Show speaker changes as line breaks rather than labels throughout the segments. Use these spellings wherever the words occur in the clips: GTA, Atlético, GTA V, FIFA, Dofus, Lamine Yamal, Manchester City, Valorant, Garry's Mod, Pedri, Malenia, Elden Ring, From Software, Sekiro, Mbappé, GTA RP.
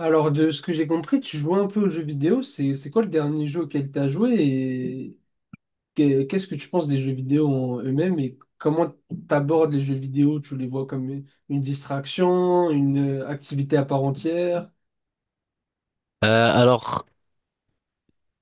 Alors, de ce que j'ai compris, tu joues un peu aux jeux vidéo. C'est quoi le dernier jeu auquel tu as joué et qu'est-ce que tu penses des jeux vidéo en eux-mêmes et comment t'abordes les jeux vidéo? Tu les vois comme une distraction, une activité à part entière?
Alors,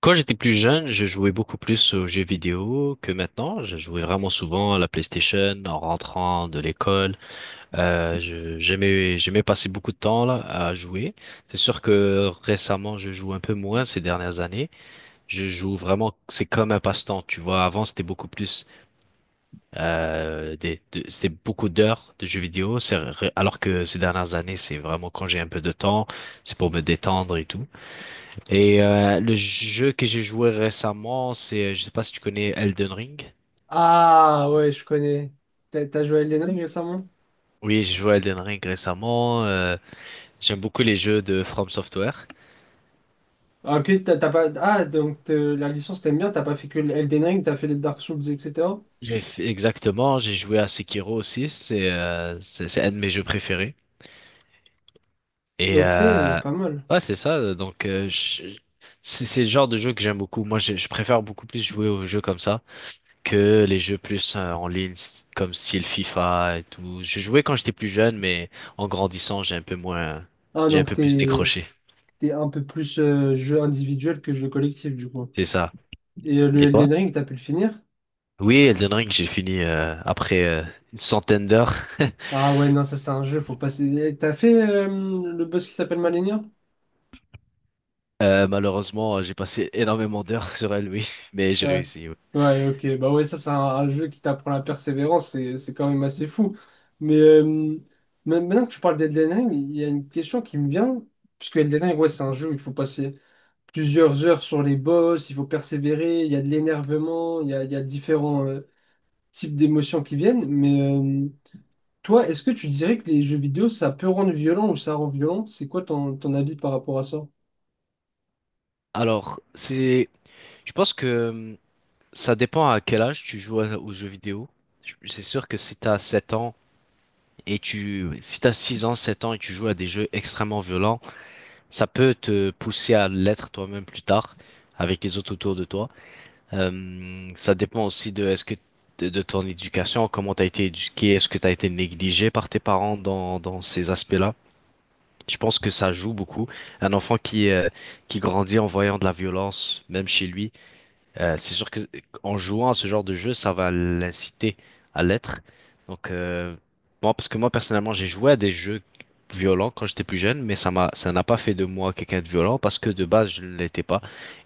quand j'étais plus jeune, je jouais beaucoup plus aux jeux vidéo que maintenant. Je jouais vraiment souvent à la PlayStation en rentrant de l'école. J'aimais passer beaucoup de temps là à jouer. C'est sûr que récemment, je joue un peu moins ces dernières années. Je joue vraiment, c'est comme un passe-temps, tu vois. Avant, c'était beaucoup plus, c'était beaucoup d'heures de jeux vidéo. Alors que ces dernières années, c'est vraiment quand j'ai un peu de temps, c'est pour me détendre et tout. Le jeu que j'ai joué récemment, c'est, je sais pas si tu connais Elden Ring.
Ah ouais, je connais. T'as joué à Elden Ring récemment?
Oui, j'ai joué à Elden Ring récemment. J'aime beaucoup les jeux de From Software.
Ah, ok, t'as pas. Ah, donc la licence t'aimes bien, t'as pas fait que le Elden Ring, t'as fait les Dark Souls, etc.
Exactement, j'ai joué à Sekiro aussi. C'est un de mes jeux préférés. Et
Ok,
euh,
pas mal.
ouais, c'est ça. Donc c'est le genre de jeu que j'aime beaucoup. Moi, je préfère beaucoup plus jouer aux jeux comme ça, que les jeux plus en ligne comme style FIFA et tout. J'ai joué quand j'étais plus jeune, mais en grandissant, j'ai un peu moins,
Ah,
j'ai un
donc
peu plus
t'es,
décroché.
t'es un peu plus jeu individuel que jeu collectif, du coup.
C'est ça.
Et le
Et toi?
Elden Ring, t'as pu le finir?
Oui, Elden Ring, j'ai fini après une centaine d'heures.
Ah ouais, non, ça c'est un jeu, faut passer. T'as fait euh, le boss qui s'appelle Malenia?
Malheureusement, j'ai passé énormément d'heures sur elle, oui, mais j'ai
Ouais.
réussi. Oui.
Ouais, ok, bah ouais, ça c'est un jeu qui t'apprend la persévérance, c'est quand même assez fou. Mais maintenant que tu parles d'Elden Ring, il y a une question qui me vient, puisque Elden Ring, ouais, c'est un jeu où il faut passer plusieurs heures sur les boss, il faut persévérer, il y a de l'énervement, il y a différents types d'émotions qui viennent, mais toi, est-ce que tu dirais que les jeux vidéo, ça peut rendre violent ou ça rend violent? C'est quoi ton avis par rapport à ça?
Alors, c'est, je pense que ça dépend à quel âge tu joues aux jeux vidéo. C'est sûr que si t'as 7 ans si t'as 6 ans, 7 ans et tu joues à des jeux extrêmement violents. Ça peut te pousser à l'être toi-même plus tard avec les autres autour de toi. Ça dépend aussi de est-ce que de ton éducation, comment tu as été éduqué, est-ce que tu as été négligé par tes parents dans ces aspects-là. Je pense que ça joue beaucoup. Un enfant qui grandit en voyant de la violence, même chez lui, c'est sûr que en jouant à ce genre de jeu, ça va l'inciter à l'être. Donc, moi, parce que moi personnellement, j'ai joué à des jeux violents quand j'étais plus jeune, mais ça n'a pas fait de moi quelqu'un de violent parce que de base, je ne l'étais pas.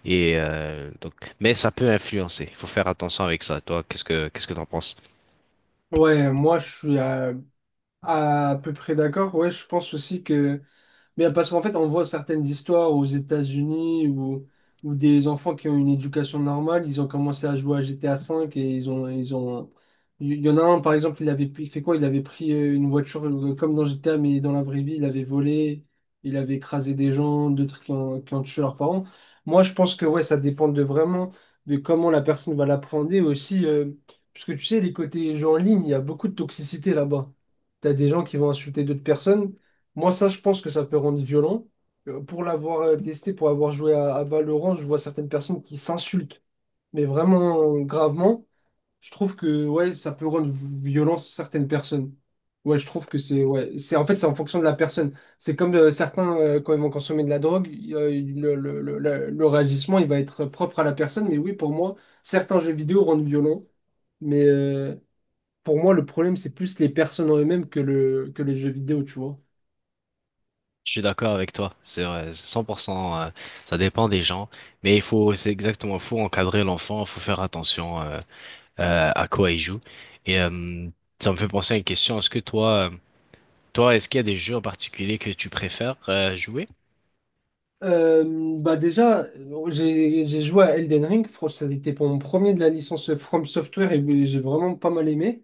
Donc, mais ça peut influencer. Il faut faire attention avec ça. Toi, qu'est-ce que t'en penses?
Ouais, moi je suis à peu près d'accord. Ouais, je pense aussi que mais parce qu'en fait, on voit certaines histoires aux États-Unis où des enfants qui ont une éducation normale, ils ont commencé à jouer à GTA V et ils ont. Il y en a un, par exemple, il fait quoi? Il avait pris une voiture comme dans GTA, mais dans la vraie vie, il avait volé, il avait écrasé des gens, d'autres qui ont tué leurs parents. Moi, je pense que ouais, ça dépend de vraiment de comment la personne va l'appréhender aussi. Parce que tu sais, les côtés jeux en ligne, il y a beaucoup de toxicité là-bas. T'as des gens qui vont insulter d'autres personnes. Moi, ça, je pense que ça peut rendre violent. Pour l'avoir testé, pour avoir joué à Valorant, je vois certaines personnes qui s'insultent, mais vraiment gravement. Je trouve que ouais, ça peut rendre violent certaines personnes. Ouais, je trouve que c'est ouais, c'est en fait c'est en fonction de la personne. C'est comme certains quand ils vont consommer de la drogue, le réagissement il va être propre à la personne. Mais oui, pour moi, certains jeux vidéo rendent violent, mais pour moi le problème c'est plus les personnes en eux-mêmes que le que les jeux vidéo, tu vois.
Je suis d'accord avec toi. C'est vrai, c'est 100%. Ça dépend des gens, mais il faut, c'est exactement, faut encadrer l'enfant, faut faire attention. À quoi ils jouent. Et euh, Ça me fait penser à une question. Est-ce que toi, toi, est-ce qu'il y a des jeux en particulier que tu préfères jouer?
Bah déjà, j'ai joué à Elden Ring. Franchement, ça a été pour mon premier de la licence From Software et j'ai vraiment pas mal aimé.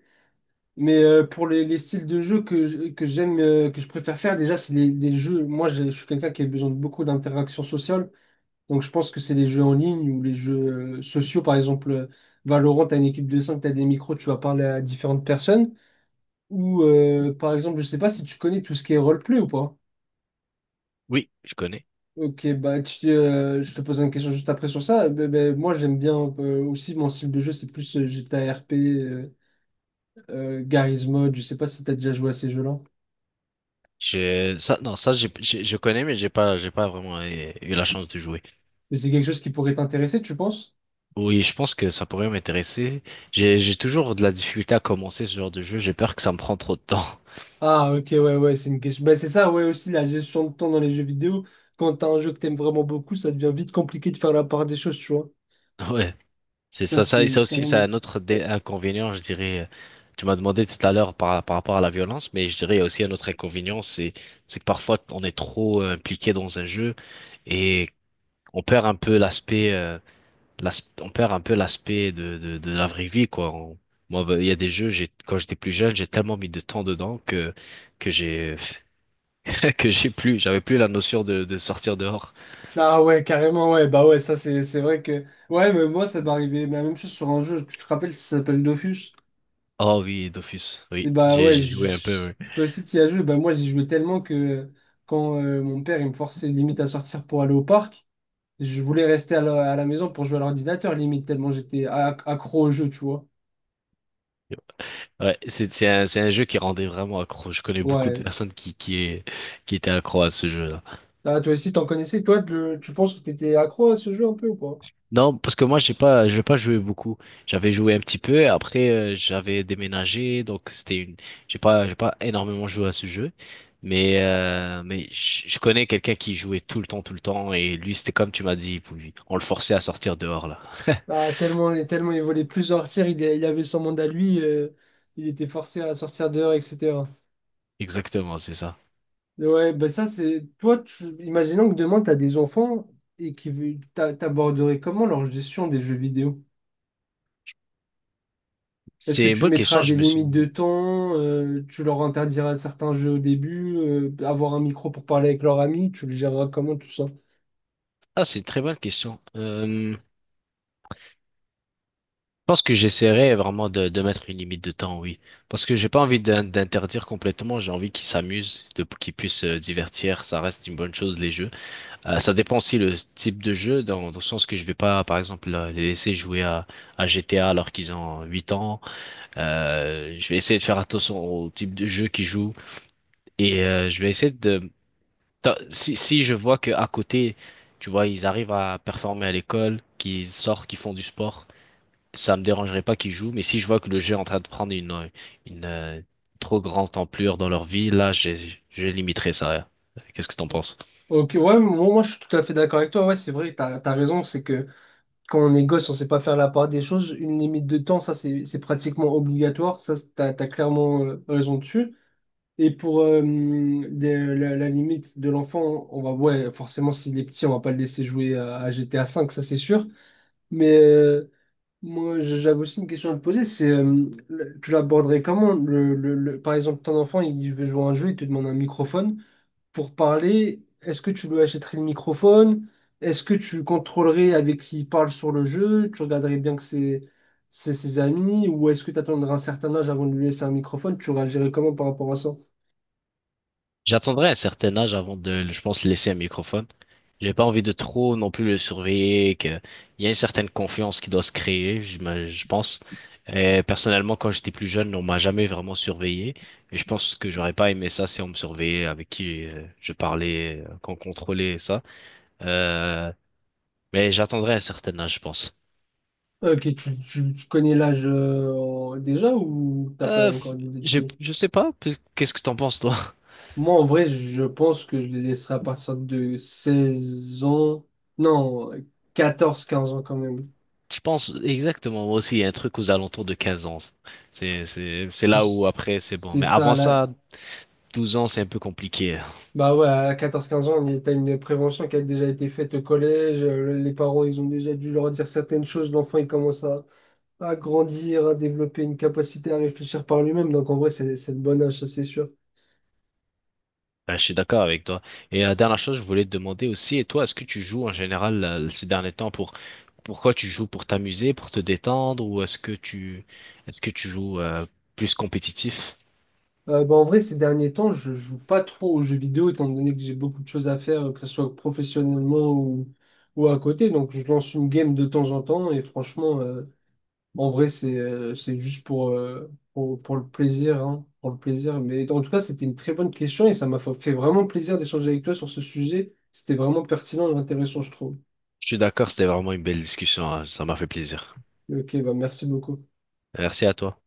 Mais pour les styles de jeu que j'aime, que je préfère faire, déjà, c'est les jeux. Moi, je suis quelqu'un qui a besoin de beaucoup d'interactions sociales. Donc, je pense que c'est les jeux en ligne ou les jeux sociaux. Par exemple, Valorant, t'as une équipe de cinq, t'as des micros, tu vas parler à différentes personnes. Ou, par exemple, je sais pas si tu connais tout ce qui est roleplay ou pas.
Oui, je connais.
Ok, bah je te pose une question juste après sur ça. Ben, ben, moi, j'aime bien aussi mon style de jeu, c'est plus GTA RP, Garry's Mod. Je sais pas si tu as déjà joué à ces jeux-là,
Non, je connais, mais j'ai pas vraiment eu la chance de jouer.
mais c'est quelque chose qui pourrait t'intéresser, tu penses?
Oui, je pense que ça pourrait m'intéresser. J'ai toujours de la difficulté à commencer ce genre de jeu. J'ai peur que ça me prend trop de temps.
Ah, ok, ouais, ouais, c'est une question. Bah, c'est ça, ouais, aussi la gestion de temps dans les jeux vidéo. Quand t'as un jeu que t'aimes vraiment beaucoup, ça devient vite compliqué de faire la part des choses, tu vois.
Ouais. C'est
Ça,
ça, ça
c'est
aussi, c'est
clarinette.
un autre inconvénient, je dirais. Tu m'as demandé tout à l'heure par rapport à la violence, mais je dirais il y a aussi un autre inconvénient, c'est que parfois on est trop impliqué dans un jeu et on perd un peu l'aspect, on perd un peu l'aspect de la vraie vie, quoi. Moi, il y a des jeux, quand j'étais plus jeune, j'ai tellement mis de temps dedans que j'ai j'avais plus la notion de sortir dehors.
Ah ouais, carrément, ouais. Bah ouais, ça, c'est vrai que. Ouais, mais moi, ça m'est arrivé la même chose sur un jeu. Tu te rappelles, ça s'appelle Dofus?
Oh oui, Dofus, oui,
Et bah
j'ai
ouais,
j'ai joué un peu. Oui.
toi aussi tu y as joué. Bah moi j'y jouais tellement que quand mon père il me forçait limite à sortir pour aller au parc. Je voulais rester à la maison pour jouer à l'ordinateur, limite, tellement j'étais accro au jeu, tu vois.
Ouais, c'est un jeu qui rendait vraiment accro. Je connais beaucoup de
Ouais.
personnes qui étaient accro à ce jeu-là.
Ah, toi aussi, t'en connaissais, toi, tu penses que t'étais accro à ce jeu un peu ou pas?
Non, parce que moi, j'ai pas joué beaucoup. J'avais joué un petit peu, après, j'avais déménagé, donc c'était une, j'ai pas énormément joué à ce jeu. Mais je connais quelqu'un qui jouait tout le temps, et lui, c'était comme tu m'as dit, il on le forçait à sortir dehors, là.
Ah, tellement, tellement il voulait plus sortir, il avait son monde à lui, il était forcé à sortir dehors, etc.
Exactement, c'est ça.
Ouais, ben ça, c'est. Toi, tu. Imaginons que demain, t'as des enfants et qui t'aborderais comment leur gestion des jeux vidéo? Est-ce que
C'est une
tu
bonne
mettras
question, je
des
me suis.
limites de temps? Tu leur interdiras certains jeux au début? Avoir un micro pour parler avec leurs amis? Tu le géreras comment tout ça?
Ah, c'est une très bonne question. Je pense que j'essaierai vraiment de mettre une limite de temps, oui. Parce que j'ai pas envie d'interdire complètement, j'ai envie qu'ils s'amusent, qu'ils puissent se divertir, ça reste une bonne chose, les jeux. Ça dépend aussi le type de jeu, dans le sens que je vais pas, par exemple, les laisser jouer à GTA alors qu'ils ont 8 ans. Je vais essayer de faire attention au type de jeu qu'ils jouent. Je vais essayer de. Si je vois que à côté, tu vois, ils arrivent à performer à l'école, qu'ils sortent, qu'ils font du sport. Ça me dérangerait pas qu'ils jouent, mais si je vois que le jeu est en train de prendre une trop grande ampleur dans leur vie, là, je limiterai ça, hein. Qu'est-ce que t'en penses?
Ok, ouais, moi je suis tout à fait d'accord avec toi. Ouais, c'est vrai, t'as raison. C'est que quand on est gosse, on sait pas faire la part des choses. Une limite de temps, ça, c'est pratiquement obligatoire. Ça, t'as clairement raison dessus. Et pour la limite de l'enfant, on va, ouais, forcément, s'il est petit, on va pas le laisser jouer à GTA 5, ça, c'est sûr. Mais. Moi, j'avais aussi une question à te poser. C'est tu l'aborderais comment Par exemple, ton enfant, il veut jouer à un jeu, il te demande un microphone pour parler. Est-ce que tu lui achèterais le microphone? Est-ce que tu contrôlerais avec qui il parle sur le jeu? Tu regarderais bien que c'est ses amis? Ou est-ce que tu attendrais un certain âge avant de lui laisser un microphone? Tu réagirais comment par rapport à ça?
J'attendrai un certain âge avant de, je pense, laisser un microphone. J'ai pas envie de trop non plus le surveiller, que il y a une certaine confiance qui doit se créer, je pense. Et personnellement, quand j'étais plus jeune, on m'a jamais vraiment surveillé. Et je pense que j'aurais pas aimé ça si on me surveillait, avec qui je parlais, qu'on contrôlait ça. Euh, mais j'attendrai un certain âge, je pense.
Ok, tu connais l'âge déjà ou t'as pas
Euh,
encore
f-
d'idée dessus?
je sais pas, qu'est-ce que t'en penses toi?
Moi, en vrai, je pense que je les laisserai à partir de 16 ans. Non, 14 15 ans quand même.
Je pense exactement, moi aussi, il y a un truc aux alentours de 15 ans. C'est là où
Juste,
après c'est bon.
c'est
Mais
ça,
avant
là.
ça, 12 ans, c'est un peu compliqué.
Bah ouais, à 14 15 ans, t'as une prévention qui a déjà été faite au collège. Les parents, ils ont déjà dû leur dire certaines choses. L'enfant, il commence à grandir, à développer une capacité à réfléchir par lui-même. Donc, en vrai, c'est le bon âge, ça, c'est sûr.
Ouais, je suis d'accord avec toi. Et la dernière chose, je voulais te demander aussi, et toi, est-ce que tu joues en général ces derniers temps pourquoi tu joues pour t'amuser, pour te détendre, ou est-ce que tu joues plus compétitif?
Bah, en vrai, ces derniers temps, je joue pas trop aux jeux vidéo, étant donné que j'ai beaucoup de choses à faire, que ce soit professionnellement ou à côté. Donc, je lance une game de temps en temps, et franchement, en vrai, c'est juste pour le plaisir, hein, pour le plaisir. Mais en tout cas, c'était une très bonne question et ça m'a fait vraiment plaisir d'échanger avec toi sur ce sujet. C'était vraiment pertinent et intéressant, je trouve.
Je suis d'accord, c'était vraiment une belle discussion, hein. Ça m'a fait plaisir.
Ok, bah merci beaucoup.
Merci à toi.